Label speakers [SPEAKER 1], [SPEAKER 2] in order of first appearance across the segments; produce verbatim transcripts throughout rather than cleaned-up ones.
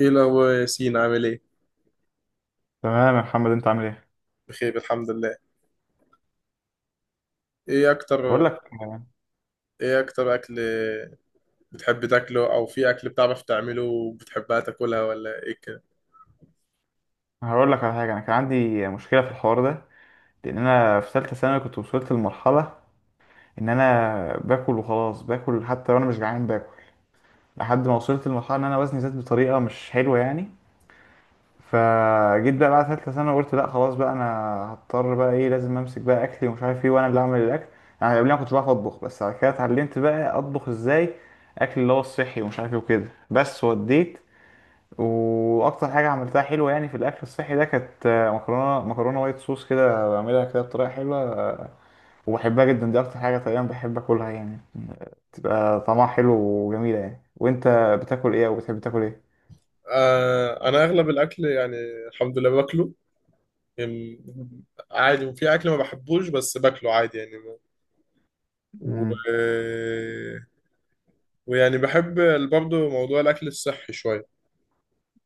[SPEAKER 1] ايه الاخبار يا ياسين عامل ايه؟
[SPEAKER 2] تمام يا محمد، انت عامل ايه؟
[SPEAKER 1] بخير الحمد لله. ايه اكتر؟
[SPEAKER 2] بقول لك
[SPEAKER 1] ايه اكتر اكل بتحب تاكله او في اكل بتعرف تعمله وبتحبها تاكلها ولا ايه كده؟
[SPEAKER 2] هقول لك على حاجه. انا كان عندي مشكله في الحوار ده، لان انا في ثالثه ثانوي كنت وصلت لمرحله ان انا باكل وخلاص، باكل حتى وانا مش جعان، باكل لحد ما وصلت لمرحله ان انا وزني زاد بطريقه مش حلوه يعني. فجيت بقى بعد ثالثه ثانوي قلت لا خلاص بقى، انا هضطر بقى ايه، لازم امسك بقى اكلي ومش عارف ايه، وانا اللي اعمل الاكل يعني. قبل ما كنت بعرف اطبخ، بس بعد كده اتعلمت بقى اطبخ ازاي اكل اللي هو الصحي ومش عارف ايه وكده، بس وديت. واكتر حاجه عملتها حلوه يعني في الاكل الصحي ده كانت آه، مكرونه مكرونه وايت صوص، كده بعملها كده بطريقه حلوه وبحبها جدا. دي اكتر حاجه تقريبا بحب اكلها يعني، تبقى طعمها حلو وجميله يعني. وانت بتاكل ايه او بتحب تاكل ايه؟
[SPEAKER 1] آه انا اغلب الاكل يعني الحمد لله باكله يعني عادي، وفي اكل ما بحبوش بس باكله عادي يعني و...
[SPEAKER 2] امم.
[SPEAKER 1] ويعني بحب برضه موضوع الاكل الصحي شويه.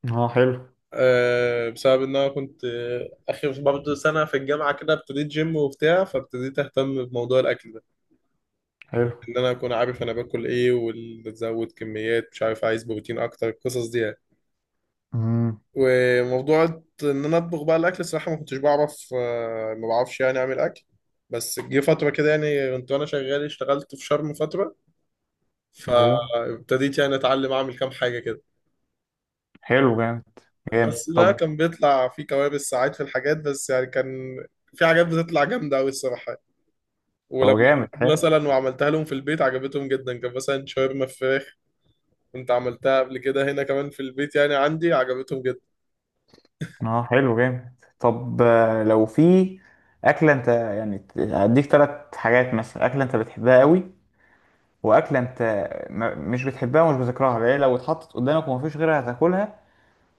[SPEAKER 2] اه، حلو.
[SPEAKER 1] آه، بسبب ان انا كنت، آه، اخر برضه سنه في الجامعه كده ابتديت جيم وبتاع، فابتديت اهتم بموضوع الاكل ده،
[SPEAKER 2] حلو.
[SPEAKER 1] ان انا اكون عارف انا باكل ايه وازود كميات مش عارف عايز بروتين اكتر القصص دي يعني.
[SPEAKER 2] امم.
[SPEAKER 1] وموضوع ان انا اطبخ بقى الاكل، الصراحه ما كنتش بعرف، آه، ما بعرفش يعني اعمل اكل. بس جه فتره كده يعني كنت وانا شغال اشتغلت في شرم فتره،
[SPEAKER 2] ايوه.
[SPEAKER 1] فابتديت يعني اتعلم اعمل كام حاجه كده.
[SPEAKER 2] حلو، جامد جامد
[SPEAKER 1] بس بقى
[SPEAKER 2] طب.
[SPEAKER 1] كان بيطلع في كوابيس ساعات في الحاجات، بس يعني كان في حاجات بتطلع جامده قوي الصراحه يعني. ولما
[SPEAKER 2] طب جامد حلو.
[SPEAKER 1] مثلا وعملتها لهم في البيت عجبتهم جدا، كان مثلا شاورما فراخ. انت عملتها قبل كده هنا كمان في البيت يعني عندي، عجبتهم جدا.
[SPEAKER 2] اه حلو جامد. طب، آه، لو في اكله، انت يعني ت- هديك ثلاث حاجات مثلا، اكله انت بتحبها قوي، واكله انت ما- مش بتحبها ومش بذكرها ليه، لو اتحطت قدامك ومفيش غيرها هتاكلها،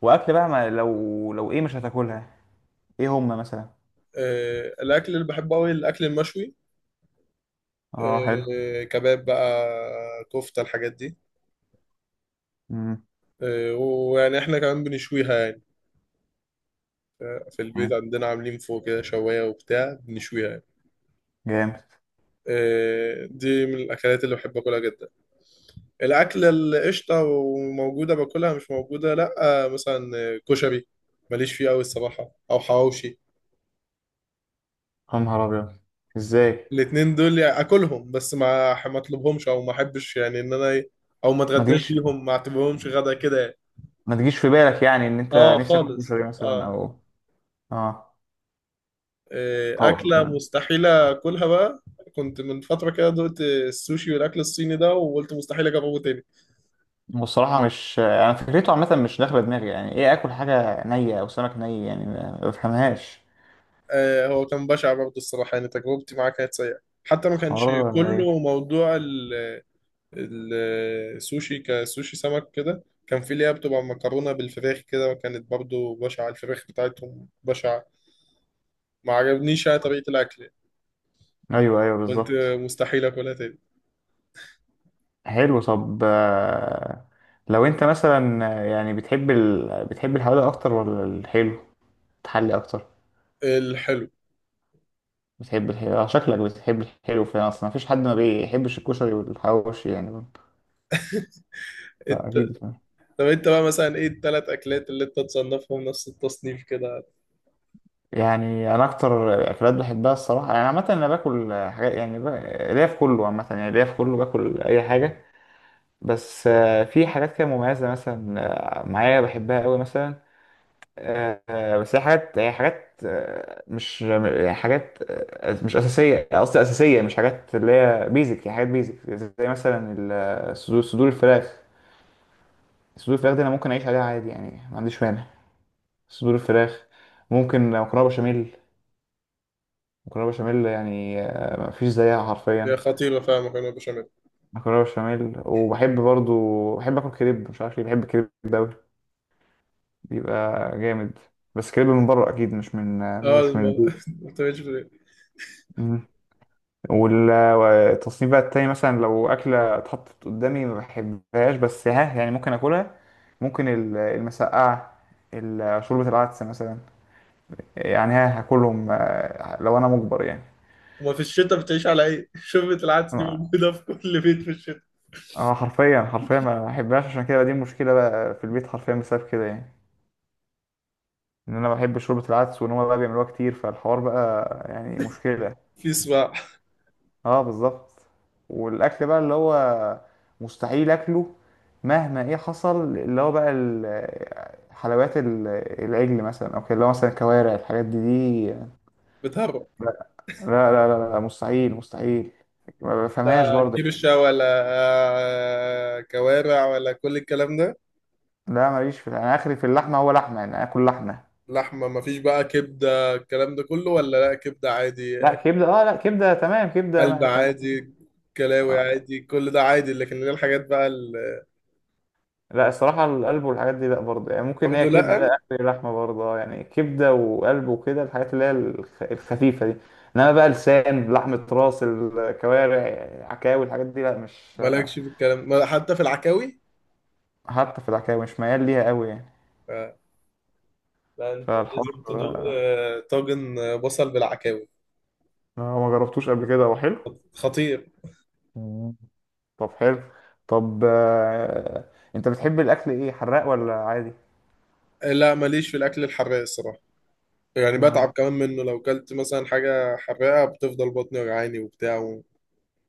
[SPEAKER 2] واكله بقى ما لو لو ايه مش هتاكلها. ايه هما مثلا؟
[SPEAKER 1] آه، الاكل اللي بحبه قوي الاكل المشوي.
[SPEAKER 2] اه، حلو.
[SPEAKER 1] آه، كباب بقى، كفتة، الحاجات دي.
[SPEAKER 2] امم.
[SPEAKER 1] آه، ويعني احنا كمان بنشويها يعني، في البيت عندنا عاملين فوق كده شواية وبتاع بنشويها يعني.
[SPEAKER 2] جامد.
[SPEAKER 1] آه، دي من الاكلات اللي بحب اكلها جدا. الاكل القشطة، وموجودة باكلها، مش موجودة لا. آه، مثلا، آه، كشري، ماليش فيه قوي الصراحة، او حواوشي.
[SPEAKER 2] يا نهار ابيض! ازاي؟
[SPEAKER 1] الاتنين دول يعني اكلهم، بس ما ح- ما اطلبهمش او ما احبش يعني ان انا ي- او ما
[SPEAKER 2] ما
[SPEAKER 1] اتغداش
[SPEAKER 2] تجيش
[SPEAKER 1] بيهم، ما اعتبرهمش غدا كده يعني.
[SPEAKER 2] ما تجيش في بالك يعني ان انت
[SPEAKER 1] اه
[SPEAKER 2] نفسك تاكل
[SPEAKER 1] خالص
[SPEAKER 2] كشري مثلا
[SPEAKER 1] اه.
[SPEAKER 2] او... اه.
[SPEAKER 1] إيه، اكله
[SPEAKER 2] طبعا.
[SPEAKER 1] مستحيله اكلها بقى. كنت من فتره كده دقت السوشي والاكل الصيني ده، وقلت مستحيل اجربه تاني.
[SPEAKER 2] والصراحه مش، انا فكرته عامه مش داخله دماغي يعني، ايه اكل حاجه نيه او سمك ني يعني ما ما بفهمهاش.
[SPEAKER 1] آه هو كان بشع برضه الصراحه، يعني تجربتي معاه كانت سيئه. حتى ما كانش
[SPEAKER 2] حوار غريب.
[SPEAKER 1] كله موضوع ال- ال- السوشي، كسوشي سمك كده، كان في اللي هي بتبقى مكرونه بالفراخ كده، وكانت برضه بشعه الفراخ بتاعتهم بشعه. ما عجبنيش يعني طريقة الأكل يعني.
[SPEAKER 2] ايوه، ايوه،
[SPEAKER 1] قلت
[SPEAKER 2] بالظبط.
[SPEAKER 1] مستحيل أكلها تاني.
[SPEAKER 2] حلو. طب، آه، لو انت مثلا آه، يعني بتحب ال... بتحب الحوادق اكتر ولا الحلو، تحلي اكتر؟
[SPEAKER 1] الحلو.
[SPEAKER 2] بتحب الحلو، آه، شكلك بتحب الحلو فعلا، اصلا مفيش حد ما بيحبش الكشري والحواوشي يعني.
[SPEAKER 1] انت.
[SPEAKER 2] اكيد.
[SPEAKER 1] طب انت بقى مثلا، ايه التلات أكلات اللي انت تصنفهم نفس التصنيف كده؟
[SPEAKER 2] يعني انا اكتر اكلات بحبها الصراحه يعني عامه، انا باكل حاجات يعني ب... ليا في كله عامه يعني، ليا في كله، باكل اي حاجه. بس آه، في حاجات كده مميزه مثلا، آه، معايا بحبها قوي مثلا. آه، بس هي حاجات، هي حاجات آه، مش يعني حاجات آه، مش أساسية. قصدي أساسية، مش حاجات اللي هي بيزك، هي حاجات بيزك زي مثلا ال- آه، صدور صدور الفراخ. صدور الفراخ دي أنا ممكن أعيش عليها عادي يعني، ما عنديش مانع. صدور الفراخ. ممكن مكرونة بشاميل. مكرونة بشاميل يعني آه، ما فيش زيها
[SPEAKER 1] هي
[SPEAKER 2] حرفيا.
[SPEAKER 1] خطيرة فعلا مكرونة بشاميل.
[SPEAKER 2] مكرونة بشاميل. وبحب برضو بحب آكل كريب، مش عارف ليه بحب الكريب ده أوي، بيبقى جامد. بس كريب من بره أكيد، مش من آه،
[SPEAKER 1] اه،
[SPEAKER 2] مش
[SPEAKER 1] الم...
[SPEAKER 2] من
[SPEAKER 1] ما بتعملش في البيت.
[SPEAKER 2] البيت. والتصنيف بقى التاني مثلا، لو أكلة اتحطت قدامي ما بحبهاش بس ها يعني ممكن أكلها. ممكن ال- المسقعة، ال- شوربة العدس مثلا، يعني ها هاكلهم آه، لو أنا مجبر يعني.
[SPEAKER 1] وما في الشتاء بتعيش على ايه؟ شوربة العدس دي موجودة في كل بيت في الشتاء.
[SPEAKER 2] اه، حرفيا حرفيا ما بحبهاش، عشان كده دي المشكلة بقى في البيت حرفيا، بسبب كده يعني، إن أنا بحب شوربة العدس وإن هما بقى بيعملوها كتير، فالحوار بقى يعني مشكلة.
[SPEAKER 1] في سباع.
[SPEAKER 2] اه، بالظبط. والاكل بقى اللي هو مستحيل اكله مهما ايه حصل، اللي هو بقى ال- حلويات، ال- العجل مثلا او كده، اللي هو مثلا الكوارع، الحاجات دي دي.
[SPEAKER 1] بتهرب؟
[SPEAKER 2] لا. لا، لا، لا، لا، مستحيل مستحيل. ما بفهمهاش
[SPEAKER 1] لا
[SPEAKER 2] برضه.
[SPEAKER 1] كرشة ولا، آه، كوارع ولا كل الكلام ده؟
[SPEAKER 2] لا، ماليش في، انا اخري في اللحمه، هو لحمه يعني، اكل لحمه.
[SPEAKER 1] لحمة مفيش، بقى كبدة الكلام ده كله ولا لا كبدة عادي؟
[SPEAKER 2] لا، كبده، اه لا، كبده تمام، كبده،
[SPEAKER 1] قلب
[SPEAKER 2] ما تمام.
[SPEAKER 1] عادي، كلاوي عادي، كل ده عادي، لكن اللي هي الحاجات بقى اللي.
[SPEAKER 2] لا، الصراحة القلب والحاجات دي لا، برضه يعني، ممكن هي
[SPEAKER 1] برضه
[SPEAKER 2] كبدة
[SPEAKER 1] لا.
[SPEAKER 2] آخر لحمة برضه، آه، يعني كبدة وقلب وكده، الحاجات اللي هي الخ- الخفيفة دي. إنما بقى لسان، لحمة راس، الكوارع، عكاوي، الحاجات دي لا، مش...
[SPEAKER 1] مالكش في الكلام، ما- حتى في العكاوي.
[SPEAKER 2] حتى في العكاوي مش ميال ليها قوي يعني.
[SPEAKER 1] ف- لا، انت
[SPEAKER 2] فالحوار
[SPEAKER 1] لازم تدوق
[SPEAKER 2] آه،
[SPEAKER 1] آه، طاجن آه، بصل بالعكاوي.
[SPEAKER 2] آه، ما جربتوش قبل كده، هو حلو؟
[SPEAKER 1] خطير.
[SPEAKER 2] مم. طب حلو. طب، آه، انت بتحب الاكل ايه، حراق ولا عادي؟
[SPEAKER 1] آه، لا، ماليش في الاكل الحراق الصراحه. يعني
[SPEAKER 2] ما
[SPEAKER 1] بتعب كمان منه، لو كلت مثلا حاجه حراقه بتفضل بطني وجعاني وبتاع و...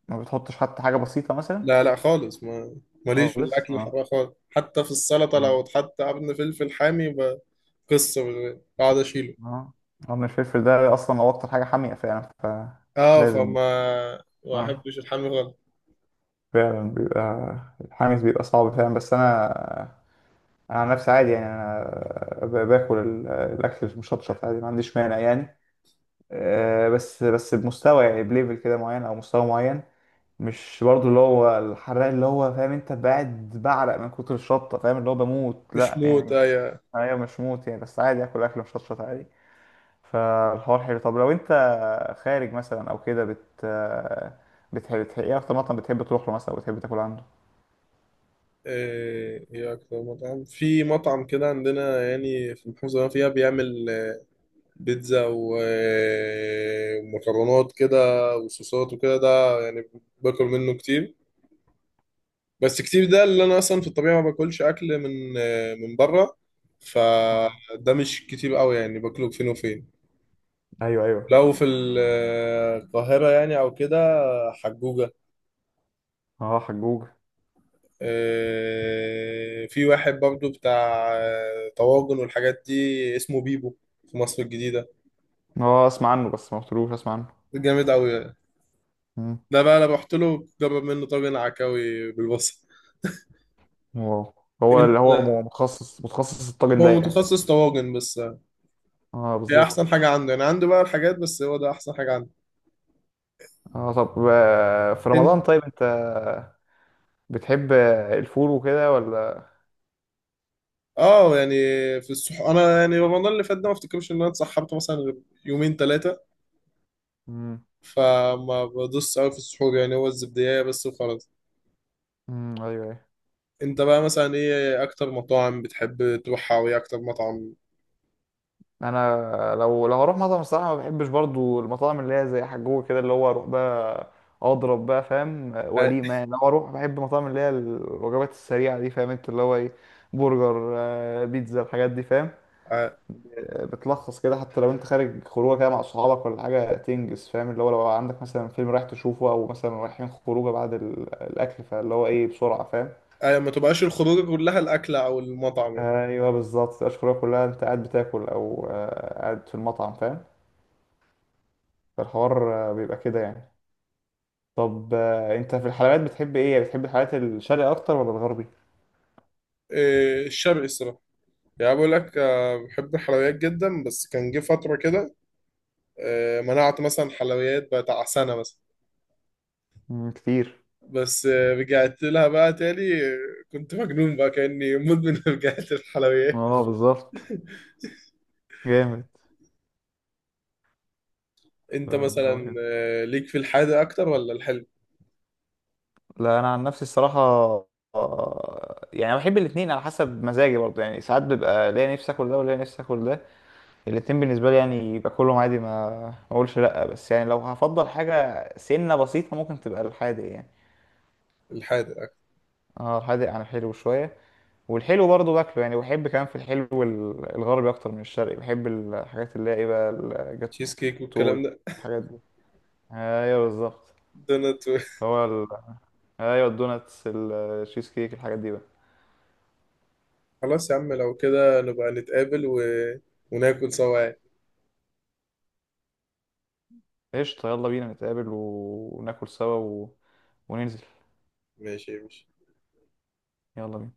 [SPEAKER 2] ما بتحطش حتى حاجه بسيطه مثلا؟
[SPEAKER 1] لا لا خالص، ما ماليش في
[SPEAKER 2] خالص
[SPEAKER 1] الاكل
[SPEAKER 2] اه.
[SPEAKER 1] الحراق خالص، حتى في السلطه لو
[SPEAKER 2] مم.
[SPEAKER 1] اتحط قرن فلفل حامي ب- قصه، بقعد اشيله.
[SPEAKER 2] اه، لأن الفلفل ده اصلا هو اكتر حاجه حاميه فعلا،
[SPEAKER 1] اه
[SPEAKER 2] فلازم.
[SPEAKER 1] فما ما
[SPEAKER 2] اه،
[SPEAKER 1] احبش الحامي غلط.
[SPEAKER 2] فعلا بيبقى الحامس بيبقى صعب فعلا، بس انا، انا عن نفسي عادي يعني، انا ب- باكل ال- الاكل المشطشط عادي، ما عنديش مانع يعني. آه، بس بس بمستوى يعني، بليفل كده معين او مستوى معين. مش برضو اللي هو الحراق اللي هو، فاهم انت، بعد بعرق من كتر الشطه، فاهم، اللي هو بموت،
[SPEAKER 1] مش
[SPEAKER 2] لا
[SPEAKER 1] موت
[SPEAKER 2] يعني.
[SPEAKER 1] ايه؟
[SPEAKER 2] ايوه، مش موت يعني، بس عادي اكل اكل مشطشط عادي. فالحوار حلو. طب لو انت خارج مثلا او كده، بت بتحب بتحب ايه اكتر مطعم بتحب تروح له مثلا او بتحب تاكل عنده؟
[SPEAKER 1] ايه هي اكتر مطعم، في مطعم كده عندنا يعني في المحافظه اللي أنا فيها بيعمل آه، بيتزا و- آه، ومكرونات كده، وصوصات، وكده ده يعني. باكل منه كتير، بس كتير ده اللي انا اصلا في الطبيعه ما باكلش اكل من آه، من بره،
[SPEAKER 2] اه.
[SPEAKER 1] فده مش كتير قوي يعني باكله فين وفين.
[SPEAKER 2] ايوه، ايوه.
[SPEAKER 1] لو في ال- آه، القاهره يعني او كده. حجوجه.
[SPEAKER 2] اه، حجوج.
[SPEAKER 1] آه، في واحد برضو بتاع آه، طواجن والحاجات دي، اسمه بيبو. في مصر الجديدة.
[SPEAKER 2] اه، اسمع عنه بس ما قلتلوش اسمع عنه.
[SPEAKER 1] جامد أوي.
[SPEAKER 2] مم.
[SPEAKER 1] ده بقى أنا رحت له، جرب منه طاجن عكاوي بالبصل.
[SPEAKER 2] واو. هو اللي
[SPEAKER 1] أنت.
[SPEAKER 2] هو م- متخصص متخصص الطاجن
[SPEAKER 1] هو
[SPEAKER 2] ده يعني؟
[SPEAKER 1] متخصص طواجن بس، آه،
[SPEAKER 2] اه،
[SPEAKER 1] هي أحسن
[SPEAKER 2] بالظبط.
[SPEAKER 1] حاجة عنده، يعني عنده بقى الحاجات، بس هو ده أحسن حاجة عنده.
[SPEAKER 2] اه، طب آه، في رمضان
[SPEAKER 1] أنت.
[SPEAKER 2] طيب، انت بتحب الفول وكده ولا؟
[SPEAKER 1] اه يعني. في الصح انا يعني، رمضان اللي فات ده ما افتكرش ان انا اتسحبت مثلا غير يومين ثلاثه.
[SPEAKER 2] مم.
[SPEAKER 1] فما بدوس قوي في السحور، يعني هو الزبديه بس وخلاص.
[SPEAKER 2] مم، ايوه، أيوة.
[SPEAKER 1] انت بقى مثلا، ايه اكتر مطاعم بتحب تروحها وايه اكتر مطعم؟
[SPEAKER 2] انا لو لو اروح مطعم، الصراحه ما بحبش برضو المطاعم اللي هي زي حجوه كده، اللي هو اروح بقى اضرب بقى، فاهم،
[SPEAKER 1] اه،
[SPEAKER 2] وليمه يعني. لو اروح، بحب المطاعم اللي هي الوجبات السريعه دي، فاهم انت، اللي هو ايه، برجر، آه، بيتزا الحاجات دي، فاهم.
[SPEAKER 1] اه،
[SPEAKER 2] آه، بتلخص كده، حتى لو انت خارج خروجه كده مع صحابك ولا حاجه تنجز، فاهم، اللي هو لو عندك مثلا فيلم رايح تشوفه، او مثلا رايحين خروجه بعد ال- الاكل، فاللي هو ايه، بسرعه، فاهم.
[SPEAKER 1] اه، ما تبقاش الخروج كلها الاكل او المطعم.
[SPEAKER 2] ايوه، بالظبط. مبتبقاش خروجه كلها انت قاعد بتاكل او آه، قاعد في المطعم، فاهم. فالحوار آه، بيبقى كده يعني. طب، آه، انت في الحلويات بتحب ايه، بتحب الحلويات الشرقي اكتر ولا الغربي؟
[SPEAKER 1] إيه، الشرقي الصراحه. يعني بقول لك، اه بحب الحلويات جدا، بس كان جه فتره كده. اه، منعت مثلا حلويات بتاع سنه مثلا.
[SPEAKER 2] مم، كتير.
[SPEAKER 1] بس اه رجعت لها بقى تاني اه. كنت مجنون بقى كاني مدمن، رجعت الحلويات.
[SPEAKER 2] اه، بالظبط. جامد.
[SPEAKER 1] انت
[SPEAKER 2] آه، هو
[SPEAKER 1] مثلا،
[SPEAKER 2] كده.
[SPEAKER 1] اه ليك في الحادق اكتر ولا الحلو؟
[SPEAKER 2] لا، انا عن نفسي الصراحه آه، يعني بحب الاثنين على حسب مزاجي برضه يعني، ساعات بيبقى ليا نفسي اكل ده وليا نفسي اكل ده. الاثنين بالنسبه لي يعني باكلهم عادي، ما ما اقولش لا، بس يعني لو هفضل حاجه سنه بسيطه ممكن تبقى الحادق يعني.
[SPEAKER 1] الحادق اكتر.
[SPEAKER 2] اه، الحادق عن الحلو شويه. والحلو برضه باكله يعني، بحب كمان في الحلو ال- الغربي اكتر من الشرقي، بحب الحاجات اللي هي ايه بقى.
[SPEAKER 1] تشيز كيك والكلام
[SPEAKER 2] طول.
[SPEAKER 1] ده.
[SPEAKER 2] الحاجات دي. ايوه، بالظبط.
[SPEAKER 1] دونات.
[SPEAKER 2] هو ال... ايوه الدوناتس، الشيز كيك، الحاجات دي بقى.
[SPEAKER 1] خلاص يا عم، لو كده نبقى نتقابل و... وناكل سوا.
[SPEAKER 2] قشطة، يلا بينا نتقابل وناكل سوا و... وننزل.
[SPEAKER 1] ماشي، ماشي.
[SPEAKER 2] يلا بينا.